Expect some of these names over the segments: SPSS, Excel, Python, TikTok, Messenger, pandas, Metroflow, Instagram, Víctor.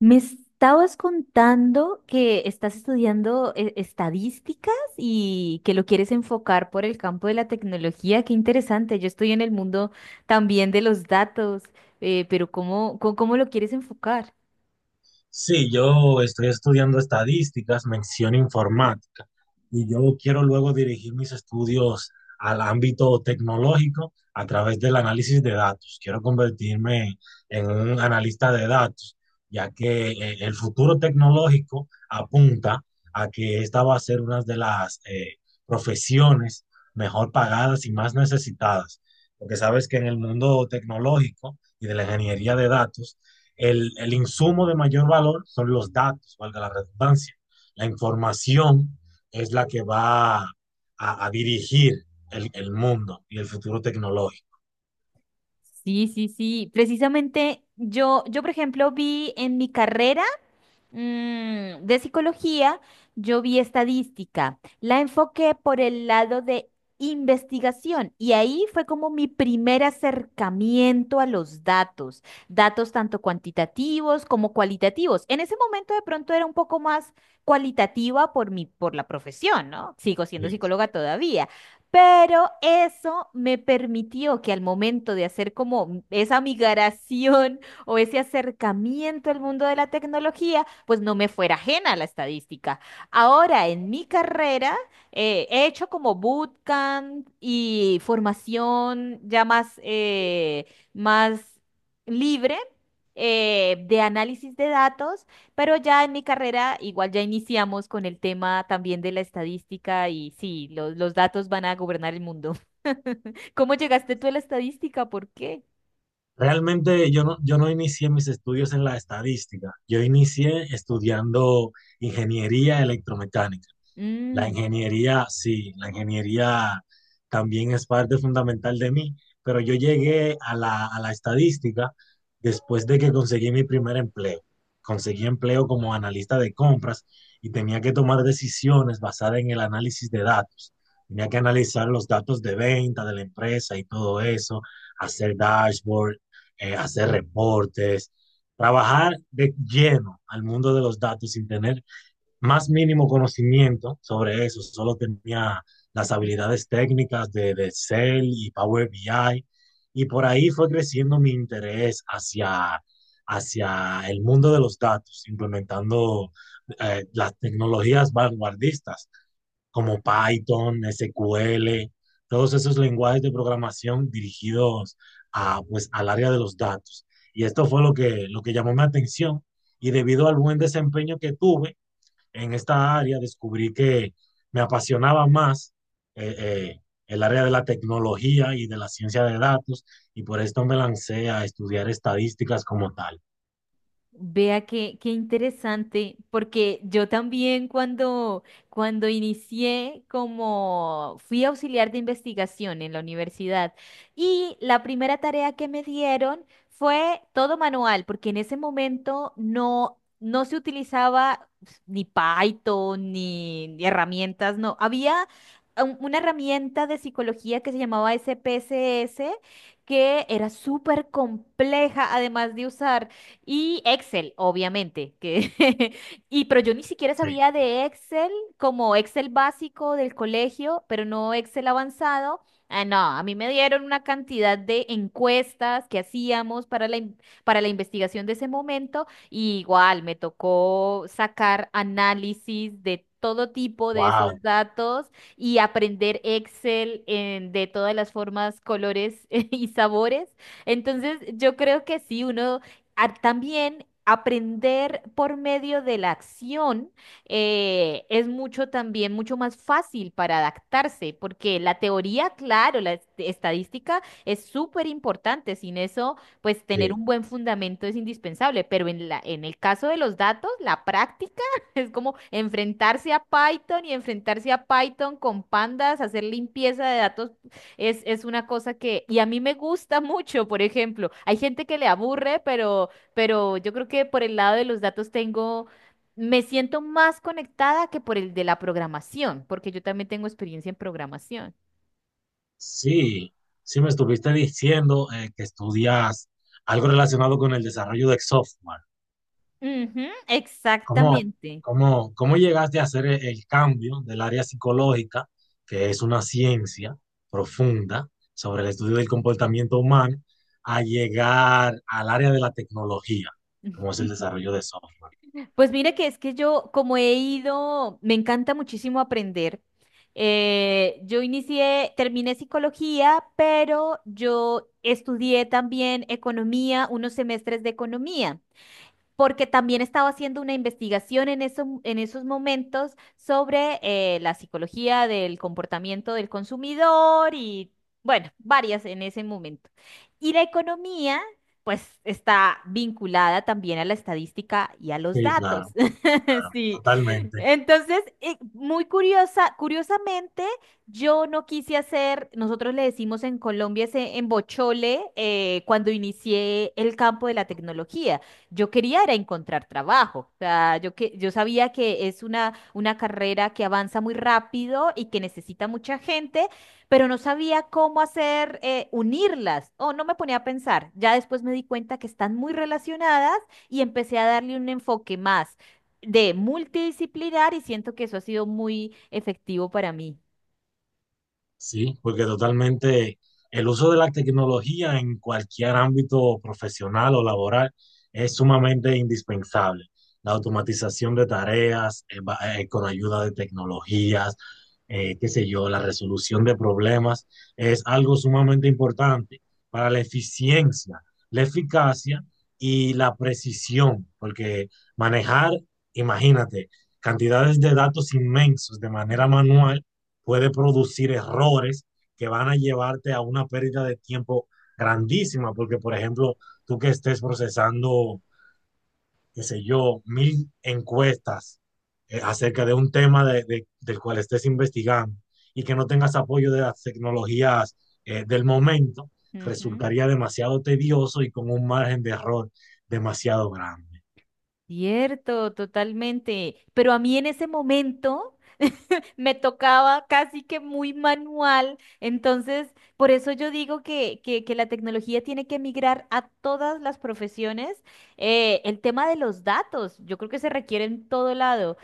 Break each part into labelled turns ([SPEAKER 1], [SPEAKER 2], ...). [SPEAKER 1] Me estabas contando que estás estudiando estadísticas y que lo quieres enfocar por el campo de la tecnología. Qué interesante. Yo estoy en el mundo también de los datos, pero ¿cómo, cómo lo quieres enfocar?
[SPEAKER 2] Sí, yo estoy estudiando estadísticas, mención informática, y yo quiero luego dirigir mis estudios al ámbito tecnológico a través del análisis de datos. Quiero convertirme en un analista de datos, ya que el futuro tecnológico apunta a que esta va a ser una de las profesiones mejor pagadas y más necesitadas, porque sabes que en el mundo tecnológico y de la ingeniería de datos, el insumo de mayor valor son los datos, valga la redundancia. La información es la que va a dirigir el mundo y el futuro tecnológico.
[SPEAKER 1] Sí, sí, sí. Precisamente yo, por ejemplo, vi en mi carrera de psicología, yo vi estadística. La enfoqué por el lado de investigación y ahí fue como mi primer acercamiento a los datos, datos tanto cuantitativos como cualitativos. En ese momento de pronto era un poco más cualitativa por mi, por la profesión, ¿no? Sigo siendo
[SPEAKER 2] Sí.
[SPEAKER 1] psicóloga todavía. Pero eso me permitió que al momento de hacer como esa migración o ese acercamiento al mundo de la tecnología, pues no me fuera ajena a la estadística. Ahora, en mi carrera, he hecho como bootcamp y formación ya más, más libre. De análisis de datos, pero ya en mi carrera igual ya iniciamos con el tema también de la estadística y sí, los datos van a gobernar el mundo. ¿Cómo llegaste tú a la estadística? ¿Por qué?
[SPEAKER 2] Realmente yo no inicié mis estudios en la estadística, yo inicié estudiando ingeniería electromecánica. La
[SPEAKER 1] Mm.
[SPEAKER 2] ingeniería, sí, la ingeniería también es parte fundamental de mí, pero yo llegué a la estadística después de que conseguí mi primer empleo. Conseguí empleo como analista de compras y tenía que tomar decisiones basadas en el análisis de datos. Tenía que analizar los datos de venta de la empresa y todo eso, hacer dashboard, hacer reportes, trabajar de lleno al mundo de los datos sin tener más mínimo conocimiento sobre eso, solo tenía las habilidades técnicas de Excel y Power BI, y por ahí fue creciendo mi interés hacia el mundo de los datos, implementando las tecnologías vanguardistas como Python, SQL, todos esos lenguajes de programación dirigidos a, pues, al área de los datos. Y esto fue lo que llamó mi atención y debido al buen desempeño que tuve, en esta área descubrí que me apasionaba más eh, eh, el área de la tecnología y de la ciencia de datos y por esto me lancé a estudiar estadísticas como tal.
[SPEAKER 1] Vea qué, qué interesante, porque yo también cuando inicié como fui auxiliar de investigación en la universidad y la primera tarea que me dieron fue todo manual, porque en ese momento no, no se utilizaba ni Python ni, ni herramientas, no, había una herramienta de psicología que se llamaba SPSS, que era súper compleja además de usar. Y Excel, obviamente, que y pero yo ni siquiera
[SPEAKER 2] Sí.
[SPEAKER 1] sabía de Excel como Excel básico del colegio, pero no Excel avanzado. Ah, no, a mí me dieron una cantidad de encuestas que hacíamos para para la investigación de ese momento y igual me tocó sacar análisis de todo tipo de
[SPEAKER 2] Wow.
[SPEAKER 1] esos datos y aprender Excel de todas las formas, colores y sabores. Entonces, yo creo que sí, uno también aprender por medio de la acción es mucho también, mucho más fácil para adaptarse, porque la teoría, claro, la estadística es súper importante. Sin eso, pues tener
[SPEAKER 2] Sí,
[SPEAKER 1] un buen fundamento es indispensable, pero en en el caso de los datos, la práctica es como enfrentarse a Python y enfrentarse a Python con pandas, hacer limpieza de datos es una cosa que, y a mí me gusta mucho, por ejemplo, hay gente que le aburre, pero yo creo que por el lado de los datos tengo, me siento más conectada que por el de la programación, porque yo también tengo experiencia en programación.
[SPEAKER 2] sí, sí me estuviste diciendo que estudias algo relacionado con el desarrollo de software.
[SPEAKER 1] Ujú,
[SPEAKER 2] ¿Cómo,
[SPEAKER 1] exactamente.
[SPEAKER 2] cómo, cómo llegaste a hacer el cambio del área psicológica, que es una ciencia profunda sobre el estudio del comportamiento humano, a llegar al área de la tecnología, como es el desarrollo de software?
[SPEAKER 1] Pues mira que es que yo, como he ido, me encanta muchísimo aprender. Yo inicié, terminé psicología, pero yo estudié también economía, unos semestres de economía porque también estaba haciendo una investigación en, en esos momentos sobre la psicología del comportamiento del consumidor y, bueno, varias en ese momento. Y la economía, pues, está vinculada también a la estadística y a los
[SPEAKER 2] Sí,
[SPEAKER 1] datos.
[SPEAKER 2] claro, claro,
[SPEAKER 1] Sí.
[SPEAKER 2] totalmente.
[SPEAKER 1] Entonces, muy curiosamente, yo no quise hacer, nosotros le decimos en Colombia ese embochole cuando inicié el campo de la tecnología. Yo quería era encontrar trabajo. O sea, yo que yo sabía que es una carrera que avanza muy rápido y que necesita mucha gente, pero no sabía cómo hacer unirlas. O no me ponía a pensar. Ya después me di cuenta que están muy relacionadas y empecé a darle un enfoque más de multidisciplinar y siento que eso ha sido muy efectivo para mí.
[SPEAKER 2] Sí, porque totalmente el uso de la tecnología en cualquier ámbito profesional o laboral es sumamente indispensable. La automatización de tareas con ayuda de tecnologías, qué sé yo, la resolución de problemas es algo sumamente importante para la eficiencia, la eficacia y la precisión, porque manejar, imagínate, cantidades de datos inmensos de manera
[SPEAKER 1] Mm.
[SPEAKER 2] manual puede producir errores que van a llevarte a una pérdida de tiempo grandísima, porque por ejemplo, tú que estés procesando, qué sé yo, mil encuestas acerca de un tema del cual estés investigando y que no tengas apoyo de las tecnologías del momento,
[SPEAKER 1] Ujú.
[SPEAKER 2] resultaría demasiado tedioso y con un margen de error demasiado grande.
[SPEAKER 1] Cierto, totalmente. Pero a mí en ese momento me tocaba casi que muy manual. Entonces, por eso yo digo que, que la tecnología tiene que migrar a todas las profesiones. El tema de los datos, yo creo que se requiere en todo lado.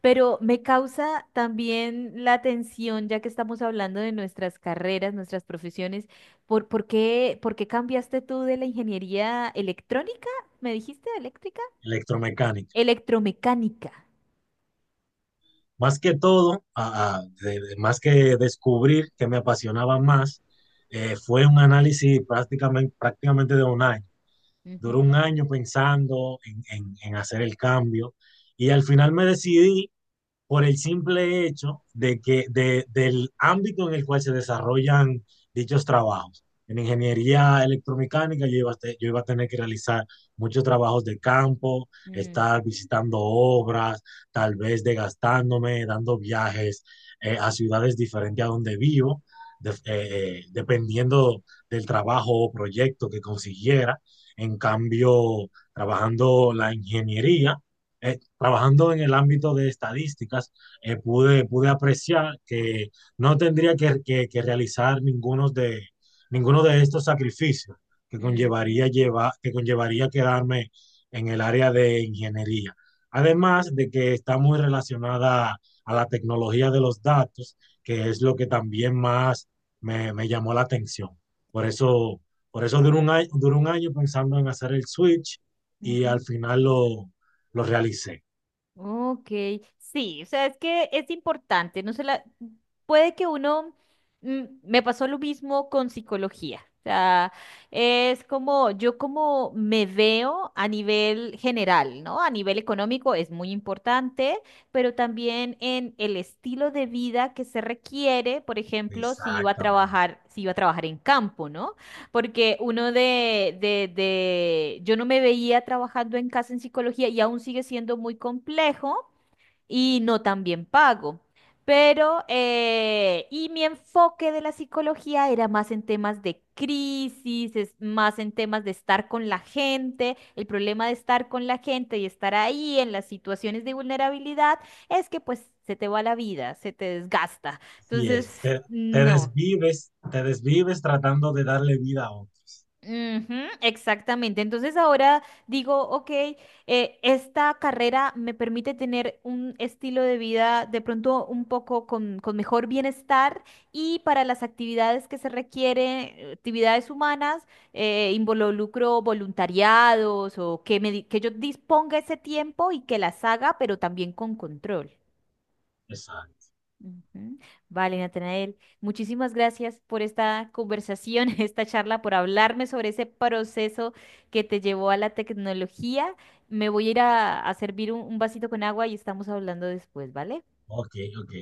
[SPEAKER 1] Pero me causa también la atención, ya que estamos hablando de nuestras carreras, nuestras profesiones, ¿por, por qué cambiaste tú de la ingeniería electrónica? ¿Me dijiste eléctrica?
[SPEAKER 2] Electromecánica.
[SPEAKER 1] Electromecánica.
[SPEAKER 2] Más que todo, más que descubrir que me apasionaba más, fue un análisis prácticamente de un año. Duró
[SPEAKER 1] Ujú,
[SPEAKER 2] un año pensando en, en hacer el cambio y al final me decidí por el simple hecho de que del ámbito en el cual se desarrollan dichos trabajos. En ingeniería electromecánica yo iba a, yo iba a tener que realizar muchos trabajos de campo,
[SPEAKER 1] mm,
[SPEAKER 2] estar visitando obras, tal vez desgastándome, dando viajes a ciudades diferentes a donde vivo, dependiendo del trabajo o proyecto que consiguiera. En cambio, trabajando la ingeniería trabajando en el ámbito de estadísticas, pude, pude apreciar que no tendría que realizar ninguno de estos sacrificios que
[SPEAKER 1] ujú,
[SPEAKER 2] conllevaría, que conllevaría quedarme en el área de ingeniería. Además de que está muy relacionada a la tecnología de los datos, que es lo que también más me, me llamó la atención. Por eso, por eso duró un año pensando en hacer el switch y al
[SPEAKER 1] ujú.
[SPEAKER 2] final lo realicé.
[SPEAKER 1] Ok, sí, o sea, es que es importante, no se la... Puede que uno... mm, me pasó lo mismo con psicología. O sea, es como yo como me veo a nivel general, ¿no? A nivel económico es muy importante, pero también en el estilo de vida que se requiere, por ejemplo,
[SPEAKER 2] Exactamente.
[SPEAKER 1] si iba a trabajar en campo, ¿no? Porque uno de, yo no me veía trabajando en casa en psicología y aún sigue siendo muy complejo y no tan bien pago. Pero, y mi enfoque de la psicología era más en temas de crisis, es más en temas de estar con la gente. El problema de estar con la gente y estar ahí en las situaciones de vulnerabilidad es que pues se te va la vida, se te desgasta.
[SPEAKER 2] Y
[SPEAKER 1] Entonces,
[SPEAKER 2] es, te,
[SPEAKER 1] no.
[SPEAKER 2] te desvives tratando de darle vida a otro.
[SPEAKER 1] Ujú, exactamente. Entonces ahora digo, ok, esta carrera me permite tener un estilo de vida de pronto un poco con mejor bienestar y para las actividades que se requieren, actividades humanas, involucro voluntariados o que yo disponga ese tiempo y que las haga, pero también con control.
[SPEAKER 2] Exacto.
[SPEAKER 1] Ujú. Vale, Natanael, muchísimas gracias por esta conversación, esta charla, por hablarme sobre ese proceso que te llevó a la tecnología. Me voy a ir a servir un vasito con agua y estamos hablando después, ¿vale?
[SPEAKER 2] Ok, ok.